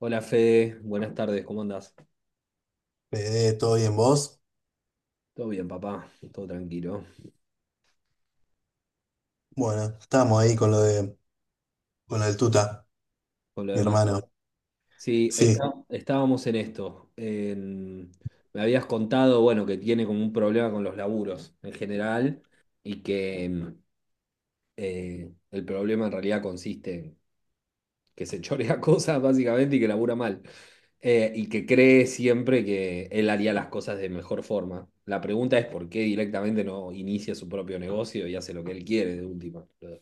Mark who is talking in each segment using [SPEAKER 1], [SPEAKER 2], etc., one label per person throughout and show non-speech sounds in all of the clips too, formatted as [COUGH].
[SPEAKER 1] Hola Fede, buenas tardes, ¿cómo andás?
[SPEAKER 2] Fede, ¿todo bien vos?
[SPEAKER 1] Todo bien, papá, todo tranquilo.
[SPEAKER 2] Bueno, estábamos ahí con lo de, con lo del Tuta,
[SPEAKER 1] Por lo
[SPEAKER 2] mi
[SPEAKER 1] demás.
[SPEAKER 2] hermano.
[SPEAKER 1] Sí,
[SPEAKER 2] Sí,
[SPEAKER 1] estábamos en esto. Me habías contado, bueno, que tiene como un problema con los laburos en general y que el problema en realidad consiste en que se chorea [LAUGHS] cosas básicamente y que labura mal. Y que cree siempre que él haría las cosas de mejor forma. La pregunta es por qué directamente no inicia su propio negocio y hace lo que él quiere de última. Pero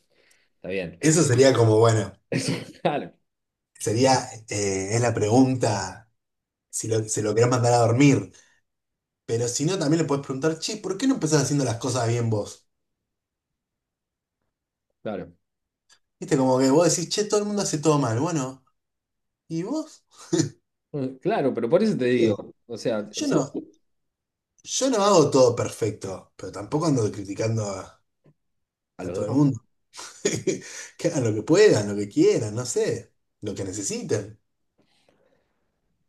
[SPEAKER 1] está bien.
[SPEAKER 2] eso sería como, bueno,
[SPEAKER 1] Eso, [LAUGHS] claro,
[SPEAKER 2] sería, es la pregunta, si lo, se lo querés mandar a dormir, pero si no, también le podés preguntar, che, ¿por qué no empezás haciendo las cosas bien vos?
[SPEAKER 1] claro.
[SPEAKER 2] Viste, como que vos decís, che, todo el mundo hace todo mal, bueno, ¿y vos?
[SPEAKER 1] claro, pero por eso te
[SPEAKER 2] Tío,
[SPEAKER 1] digo, o sea,
[SPEAKER 2] yo
[SPEAKER 1] seguro
[SPEAKER 2] no, yo no hago todo perfecto, pero tampoco ando criticando
[SPEAKER 1] a
[SPEAKER 2] a
[SPEAKER 1] los
[SPEAKER 2] todo el
[SPEAKER 1] demás.
[SPEAKER 2] mundo. [LAUGHS] Que hagan lo que puedan, lo que quieran, no sé, lo que necesiten.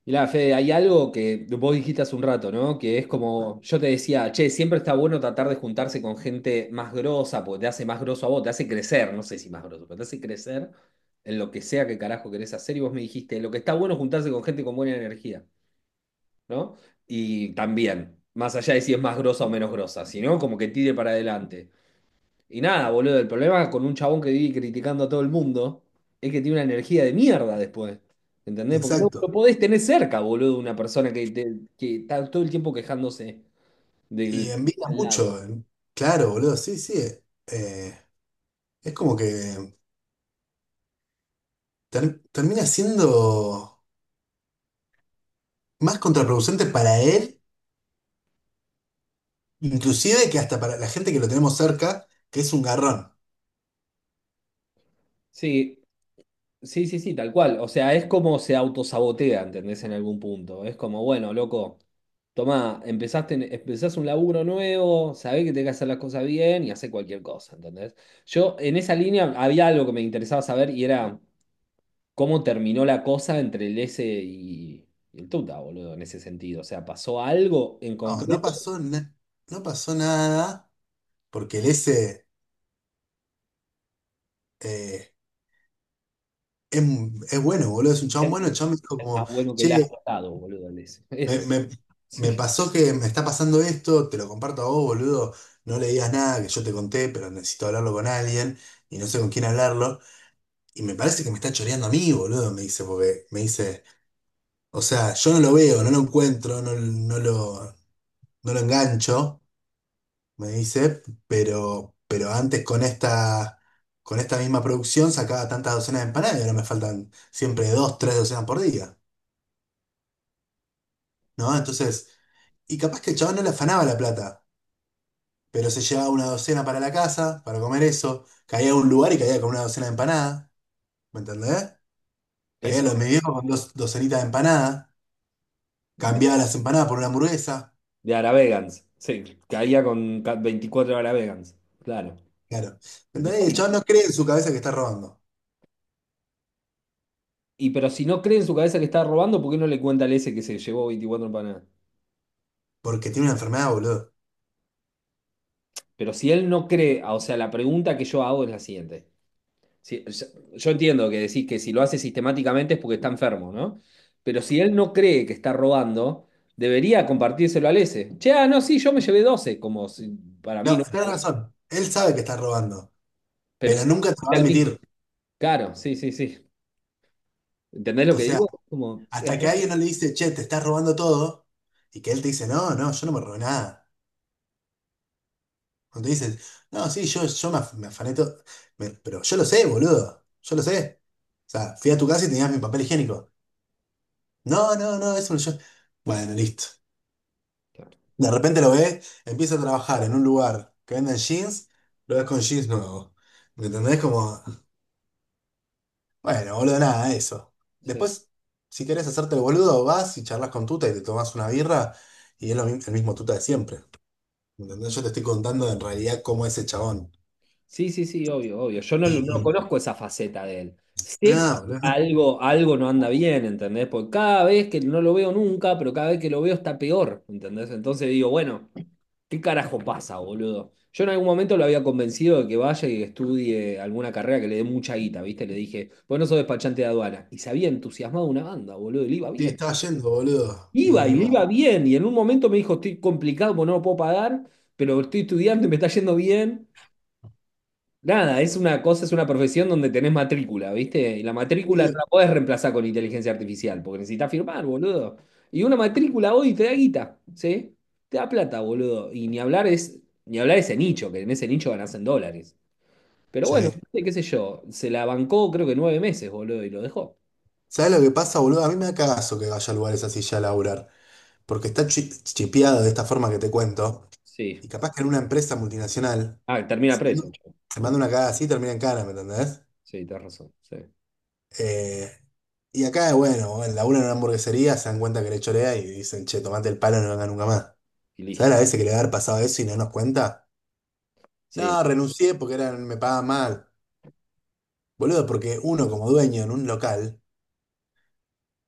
[SPEAKER 1] Mirá, Fede, hay algo que vos dijiste hace un rato, ¿no? Que es como, yo te decía, che, siempre está bueno tratar de juntarse con gente más grosa, porque te hace más groso a vos, te hace crecer, no sé si más groso, pero te hace crecer en lo que sea que carajo querés hacer. Y vos me dijiste, lo que está bueno es juntarse con gente con buena energía, ¿no? Y también, más allá de si es más grosa o menos grosa, sino como que tire para adelante. Y nada, boludo, el problema con un chabón que vive criticando a todo el mundo es que tiene una energía de mierda después. ¿Entendés? Porque no lo
[SPEAKER 2] Exacto.
[SPEAKER 1] podés tener cerca, boludo, una persona que, que está todo el tiempo quejándose
[SPEAKER 2] Y
[SPEAKER 1] del
[SPEAKER 2] envidia
[SPEAKER 1] al lado.
[SPEAKER 2] mucho, claro, boludo, sí, sí. eh, es como que termina siendo más contraproducente para él, inclusive que hasta para la gente que lo tenemos cerca, que es un garrón.
[SPEAKER 1] Sí, sí, sí, sí, tal cual. O sea, es como se autosabotea, ¿entendés? En algún punto. Es como, bueno, loco, tomá, empezás un laburo nuevo, sabés que tenés que hacer las cosas bien y hacés cualquier cosa, ¿entendés? Yo, en esa línea, había algo que me interesaba saber y era cómo terminó la cosa entre el S y el Tuta, boludo, en ese sentido. O sea, pasó algo en
[SPEAKER 2] No,
[SPEAKER 1] concreto.
[SPEAKER 2] no pasó nada, porque el ese eh, es, es bueno, boludo, es un chabón
[SPEAKER 1] Es,
[SPEAKER 2] bueno. El chabón me dijo
[SPEAKER 1] es más
[SPEAKER 2] como,
[SPEAKER 1] bueno que el
[SPEAKER 2] che,
[SPEAKER 1] asado, boludo, el S. [LAUGHS]
[SPEAKER 2] me,
[SPEAKER 1] Eso,
[SPEAKER 2] me- me
[SPEAKER 1] sí.
[SPEAKER 2] pasó que me está pasando esto, te lo comparto a vos, boludo. No le digas nada, que yo te conté, pero necesito hablarlo con alguien y no sé con quién hablarlo. Y me parece que me está choreando a mí, boludo, me dice, porque me dice, o sea, yo no lo veo, no lo encuentro, no lo engancho, me dice, pero, pero antes con esta misma producción sacaba tantas docenas de empanadas y ahora me faltan siempre dos, tres docenas por día, ¿no? Entonces, y capaz que el chabón no le afanaba la plata, pero se llevaba una docena para la casa, para comer eso, caía a un lugar y caía con una docena de empanadas, ¿me entendés? Caía
[SPEAKER 1] Eso
[SPEAKER 2] a los de mi viejo con dos docenitas de empanadas.
[SPEAKER 1] de,
[SPEAKER 2] Cambiaba las empanadas por una hamburguesa.
[SPEAKER 1] de Aravegans. Sí, caía con 24 Aravegans. Claro.
[SPEAKER 2] Claro.
[SPEAKER 1] Y no
[SPEAKER 2] ¿Entendés? Y
[SPEAKER 1] son
[SPEAKER 2] el
[SPEAKER 1] más.
[SPEAKER 2] chabón no cree en su cabeza que está robando.
[SPEAKER 1] Y pero si no cree en su cabeza que está robando, ¿por qué no le cuenta al Ese que se llevó 24 empanadas?
[SPEAKER 2] Porque tiene una enfermedad, boludo.
[SPEAKER 1] Pero si él no cree, ah, o sea, la pregunta que yo hago es la siguiente. Sí, o sea, yo entiendo que decís que si lo hace sistemáticamente es porque está enfermo, ¿no? Pero si él no cree que está robando, debería compartírselo al ese. Che, ah, no, sí, yo me llevé 12 como si- para mí,
[SPEAKER 2] No,
[SPEAKER 1] ¿no?
[SPEAKER 2] tenés razón. Él sabe que está robando.
[SPEAKER 1] Pero
[SPEAKER 2] Pero
[SPEAKER 1] sí,
[SPEAKER 2] nunca te lo va a
[SPEAKER 1] al mismo.
[SPEAKER 2] admitir.
[SPEAKER 1] Claro, sí, sí, sí. ¿Entendés lo
[SPEAKER 2] O
[SPEAKER 1] que
[SPEAKER 2] sea,
[SPEAKER 1] digo? Como,
[SPEAKER 2] hasta
[SPEAKER 1] es
[SPEAKER 2] que
[SPEAKER 1] raro.
[SPEAKER 2] alguien no le dice, che, te estás robando todo. Y que él te dice, no, no, yo no me robé nada. Cuando te dicen, no, sí, me afané todo. Pero yo lo sé, boludo. Yo lo sé. O sea, fui a tu casa y tenías mi papel higiénico. No, no, no, eso no yo. Bueno, listo. De repente lo ves empieza a trabajar en un lugar que venden jeans, lo ves con jeans nuevos. ¿Me entendés? Como, bueno, boludo, nada, eso.
[SPEAKER 1] Sí.
[SPEAKER 2] Después, si querés hacerte el boludo, vas y charlas con Tuta y te tomás una birra y es el mismo Tuta de siempre. ¿Me entendés? Yo te estoy contando en realidad cómo es ese chabón.
[SPEAKER 1] Sí, sí, sí, obvio, obvio. Yo no,
[SPEAKER 2] Y,
[SPEAKER 1] No
[SPEAKER 2] y-
[SPEAKER 1] conozco esa faceta de él. Sé que
[SPEAKER 2] Nada, boludo, no
[SPEAKER 1] algo no anda bien, ¿entendés? Porque cada vez que no lo veo nunca, pero cada vez que lo veo está peor, ¿entendés? Entonces digo, bueno, ¿qué carajo pasa, boludo? Yo en algún momento lo había convencido de que vaya y estudie alguna carrera que le dé mucha guita, ¿viste? Le dije, vos no sos despachante de aduana. Y se había entusiasmado una banda, boludo, y le iba
[SPEAKER 2] te
[SPEAKER 1] bien.
[SPEAKER 2] estaba yendo, boludo.
[SPEAKER 1] Iba y
[SPEAKER 2] Y
[SPEAKER 1] le iba
[SPEAKER 2] bueno,
[SPEAKER 1] bien. Y en un momento me dijo, estoy complicado porque no lo puedo pagar, pero estoy estudiando y me está yendo bien. Nada, es una profesión donde tenés matrícula, ¿viste? Y la matrícula no
[SPEAKER 2] pero-
[SPEAKER 1] la podés reemplazar con inteligencia artificial, porque necesitas firmar, boludo. Y una matrícula hoy te da guita, ¿sí? Te da plata, boludo. Y ni hablar ese nicho, que en ese nicho ganás en dólares. Pero
[SPEAKER 2] sí.
[SPEAKER 1] bueno, ¿viste? Qué sé yo, se la bancó creo que 9 meses, boludo, y lo dejó.
[SPEAKER 2] ¿Sabés lo que pasa, boludo? A mí me da cagazo que vaya a lugares así ya a laburar. Porque está chipeado de esta forma que te cuento,
[SPEAKER 1] Sí.
[SPEAKER 2] y capaz que en una empresa multinacional
[SPEAKER 1] Ah, termina
[SPEAKER 2] se
[SPEAKER 1] preso, che.
[SPEAKER 2] se
[SPEAKER 1] Hm,
[SPEAKER 2] manda una cagada así y termina en cana, ¿me entendés?
[SPEAKER 1] Sí, tenés razón. Sí.
[SPEAKER 2] Eh, y acá, bueno, en la una en una hamburguesería se dan cuenta que le chorea y dicen, che, tomate el palo, no venga nunca más.
[SPEAKER 1] Y
[SPEAKER 2] ¿Sabes
[SPEAKER 1] listo.
[SPEAKER 2] las veces que le va a haber pasado eso y no nos cuenta? No,
[SPEAKER 1] Sí.
[SPEAKER 2] renuncié porque eran, me pagaban mal. Boludo, porque uno como dueño en un local,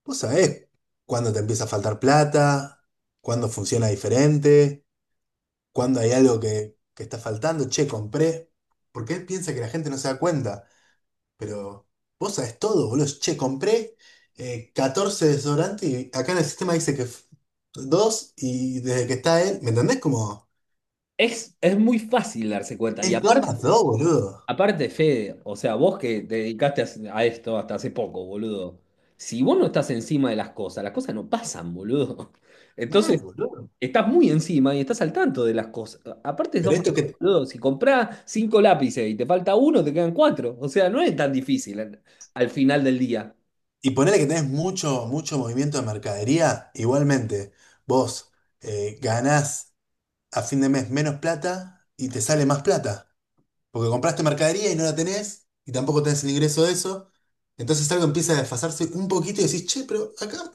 [SPEAKER 2] vos sabés cuándo te empieza a faltar plata, cuándo funciona diferente. Cuando hay algo que está faltando, che, compré, porque él piensa que la gente no se da cuenta, pero vos sabés todo, boludo, che, compré 14 desodorantes y acá en el sistema dice que dos y desde que está él, ¿me entendés? Como,
[SPEAKER 1] Es muy fácil darse cuenta. Y
[SPEAKER 2] es dos
[SPEAKER 1] aparte,
[SPEAKER 2] más dos, boludo.
[SPEAKER 1] aparte, Fede, o sea, vos que te dedicaste a esto hasta hace poco, boludo. Si vos no estás encima de las cosas no pasan, boludo. [LAUGHS]
[SPEAKER 2] Mal,
[SPEAKER 1] Entonces,
[SPEAKER 2] boludo.
[SPEAKER 1] estás muy encima y estás al tanto de las cosas. Aparte,
[SPEAKER 2] Pero
[SPEAKER 1] sos más,
[SPEAKER 2] esto que,
[SPEAKER 1] boludo. Si comprás 5 lápices y te falta uno, te quedan cuatro. O sea, no es tan difícil al, al final del día.
[SPEAKER 2] y ponele que tenés mucho, mucho movimiento de mercadería, igualmente, vos ganás a fin de mes menos plata y te sale más plata. Porque compraste mercadería y no la tenés, y tampoco tenés el ingreso de eso. Entonces algo empieza a desfasarse un poquito y decís, che, pero acá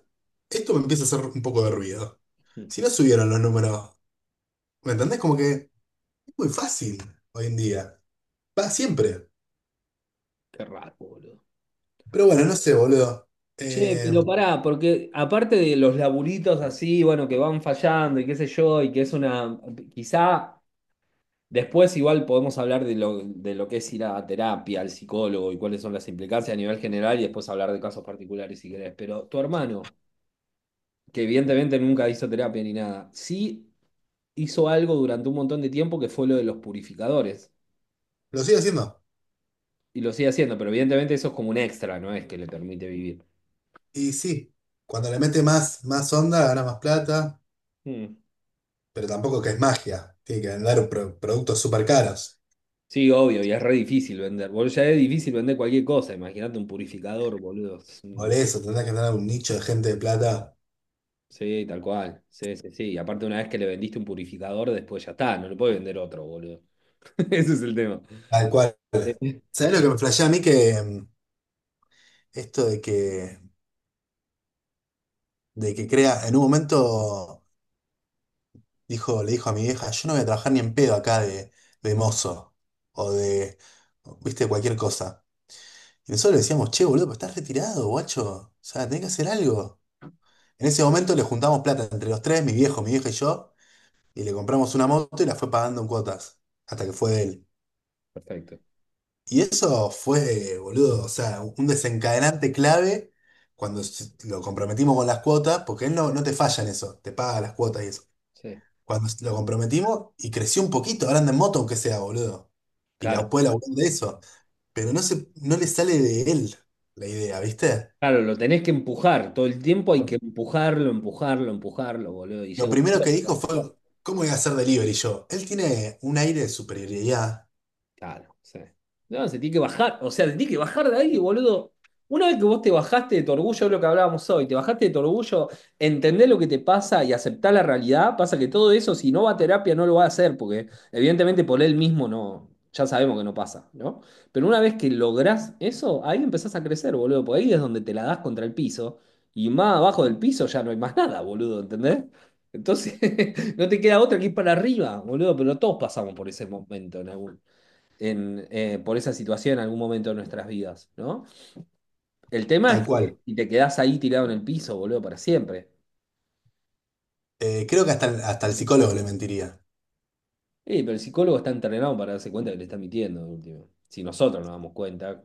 [SPEAKER 2] esto me empieza a hacer un poco de ruido.
[SPEAKER 1] Mm,
[SPEAKER 2] Si no subieron los números, ¿me entendés? Como que es muy fácil hoy en día. Va siempre.
[SPEAKER 1] Qué raro, boludo.
[SPEAKER 2] Pero bueno, no sé, boludo.
[SPEAKER 1] Che,
[SPEAKER 2] Eh,
[SPEAKER 1] pero pará, porque aparte de los laburitos así, bueno, que van fallando y qué sé yo, y que es una, quizá después igual podemos hablar de de lo que es ir a terapia, al psicólogo y cuáles son las implicancias a nivel general y después hablar de casos particulares si querés. Pero tu hermano, que evidentemente nunca hizo terapia ni nada, sí hizo algo durante un montón de tiempo que fue lo de los purificadores.
[SPEAKER 2] lo sigo haciendo.
[SPEAKER 1] Y lo sigue haciendo, pero evidentemente eso es como un extra, no es que le permite vivir.
[SPEAKER 2] Y sí, cuando le mete más, más onda, gana más plata,
[SPEAKER 1] Mm.
[SPEAKER 2] pero tampoco que es magia. Tiene que vender productos súper caros.
[SPEAKER 1] Sí, obvio, y es re difícil vender. Boludo, ya es difícil vender cualquier cosa. Imagínate un purificador, boludo. Es
[SPEAKER 2] Por
[SPEAKER 1] un-
[SPEAKER 2] eso tendrás que tener un nicho de gente de plata
[SPEAKER 1] sí, tal cual. Sí, sí, sí. Y aparte, una vez que le vendiste un purificador, después ya está, no le puedes vender otro, boludo. [LAUGHS] Ese es el tema.
[SPEAKER 2] tal cual.
[SPEAKER 1] Eh,
[SPEAKER 2] ¿Sabés lo que me flashea a mí que esto de que crea, en un momento dijo, le dijo a mi vieja, yo no voy a trabajar ni en pedo acá de mozo o de, viste, cualquier cosa. Y nosotros le decíamos, che, boludo, pero estás retirado, guacho. O sea, tenés que hacer algo. En ese momento le juntamos plata entre los tres, mi viejo, mi vieja y yo, y le compramos una moto y la fue pagando en cuotas, hasta que fue de él.
[SPEAKER 1] Perfecto.
[SPEAKER 2] Y eso fue, boludo, o sea, un desencadenante clave cuando lo comprometimos con las cuotas, porque él no te falla en eso, te paga las cuotas y eso.
[SPEAKER 1] Sí.
[SPEAKER 2] Cuando lo comprometimos y creció un poquito, ahora anda en moto aunque sea, boludo. Y la
[SPEAKER 1] Claro.
[SPEAKER 2] puede laburar de eso. Pero no le sale de él la idea, ¿viste?
[SPEAKER 1] Claro, lo tenés que empujar. Todo el tiempo hay que empujarlo, empujarlo, empujarlo, boludo. Y
[SPEAKER 2] Lo
[SPEAKER 1] llega un
[SPEAKER 2] primero que dijo
[SPEAKER 1] punto.
[SPEAKER 2] fue, ¿cómo voy a hacer delivery yo? Él tiene un aire de superioridad,
[SPEAKER 1] Claro, sí. No, se tiene que bajar, o sea, se tiene que bajar de ahí, boludo. Una vez que vos te bajaste de tu orgullo, es lo que hablábamos hoy, te bajaste de tu orgullo, entender lo que te pasa y aceptar la realidad, pasa que todo eso, si no va a terapia, no lo va a hacer, porque evidentemente por él mismo no, ya sabemos que no pasa, ¿no? Pero una vez que lográs eso, ahí empezás a crecer, boludo, porque ahí es donde te la das contra el piso, y más abajo del piso ya no hay más nada, boludo, ¿entendés? Entonces, [LAUGHS] no te queda otra que ir para arriba, boludo, pero todos pasamos por ese momento por esa situación en algún momento de nuestras vidas, ¿no? El tema
[SPEAKER 2] tal
[SPEAKER 1] es que
[SPEAKER 2] cual.
[SPEAKER 1] si te quedás ahí tirado en el piso, boludo, para siempre.
[SPEAKER 2] Creo que hasta, hasta el psicólogo le mentiría.
[SPEAKER 1] Pero el psicólogo está entrenado para darse cuenta que le está mintiendo, de último. Si nosotros nos damos cuenta,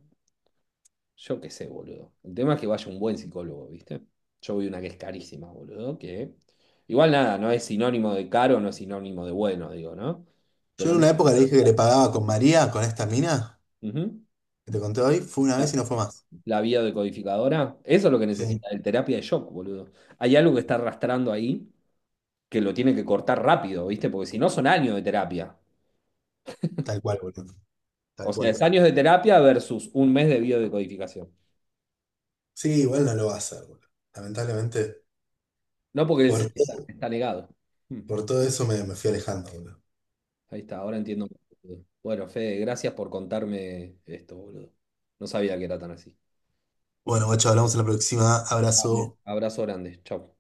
[SPEAKER 1] yo qué sé, boludo. El tema es que vaya un buen psicólogo, ¿viste? Yo voy a una que es carísima, boludo, que... Igual nada, no es sinónimo de caro, no es sinónimo de bueno, digo, ¿no?
[SPEAKER 2] Yo en
[SPEAKER 1] Pero no-
[SPEAKER 2] una época le dije que le pagaba con María, con esta mina,
[SPEAKER 1] ujú.
[SPEAKER 2] que te conté hoy. Fue una
[SPEAKER 1] La,
[SPEAKER 2] vez y no fue más.
[SPEAKER 1] la biodecodificadora, eso es lo que
[SPEAKER 2] Sí,
[SPEAKER 1] necesita, el terapia de shock, boludo. Hay algo que está arrastrando ahí que lo tiene que cortar rápido, ¿viste? Porque si no son años de terapia.
[SPEAKER 2] tal cual, boludo.
[SPEAKER 1] O
[SPEAKER 2] Tal
[SPEAKER 1] sea, es
[SPEAKER 2] cual.
[SPEAKER 1] años de terapia versus 1 mes de biodecodificación.
[SPEAKER 2] Sí, igual no lo va a hacer, boludo. Lamentablemente,
[SPEAKER 1] No porque
[SPEAKER 2] por
[SPEAKER 1] está,
[SPEAKER 2] todo,
[SPEAKER 1] está negado. Hmm,
[SPEAKER 2] por todo eso me, me fui alejando, boludo.
[SPEAKER 1] Ahí está, ahora entiendo. Bueno, Fede, gracias por contarme esto, boludo. No sabía que era tan así.
[SPEAKER 2] Bueno, guacho, hablamos en la próxima.
[SPEAKER 1] Vale.
[SPEAKER 2] Abrazo.
[SPEAKER 1] Abrazo grande. Chau.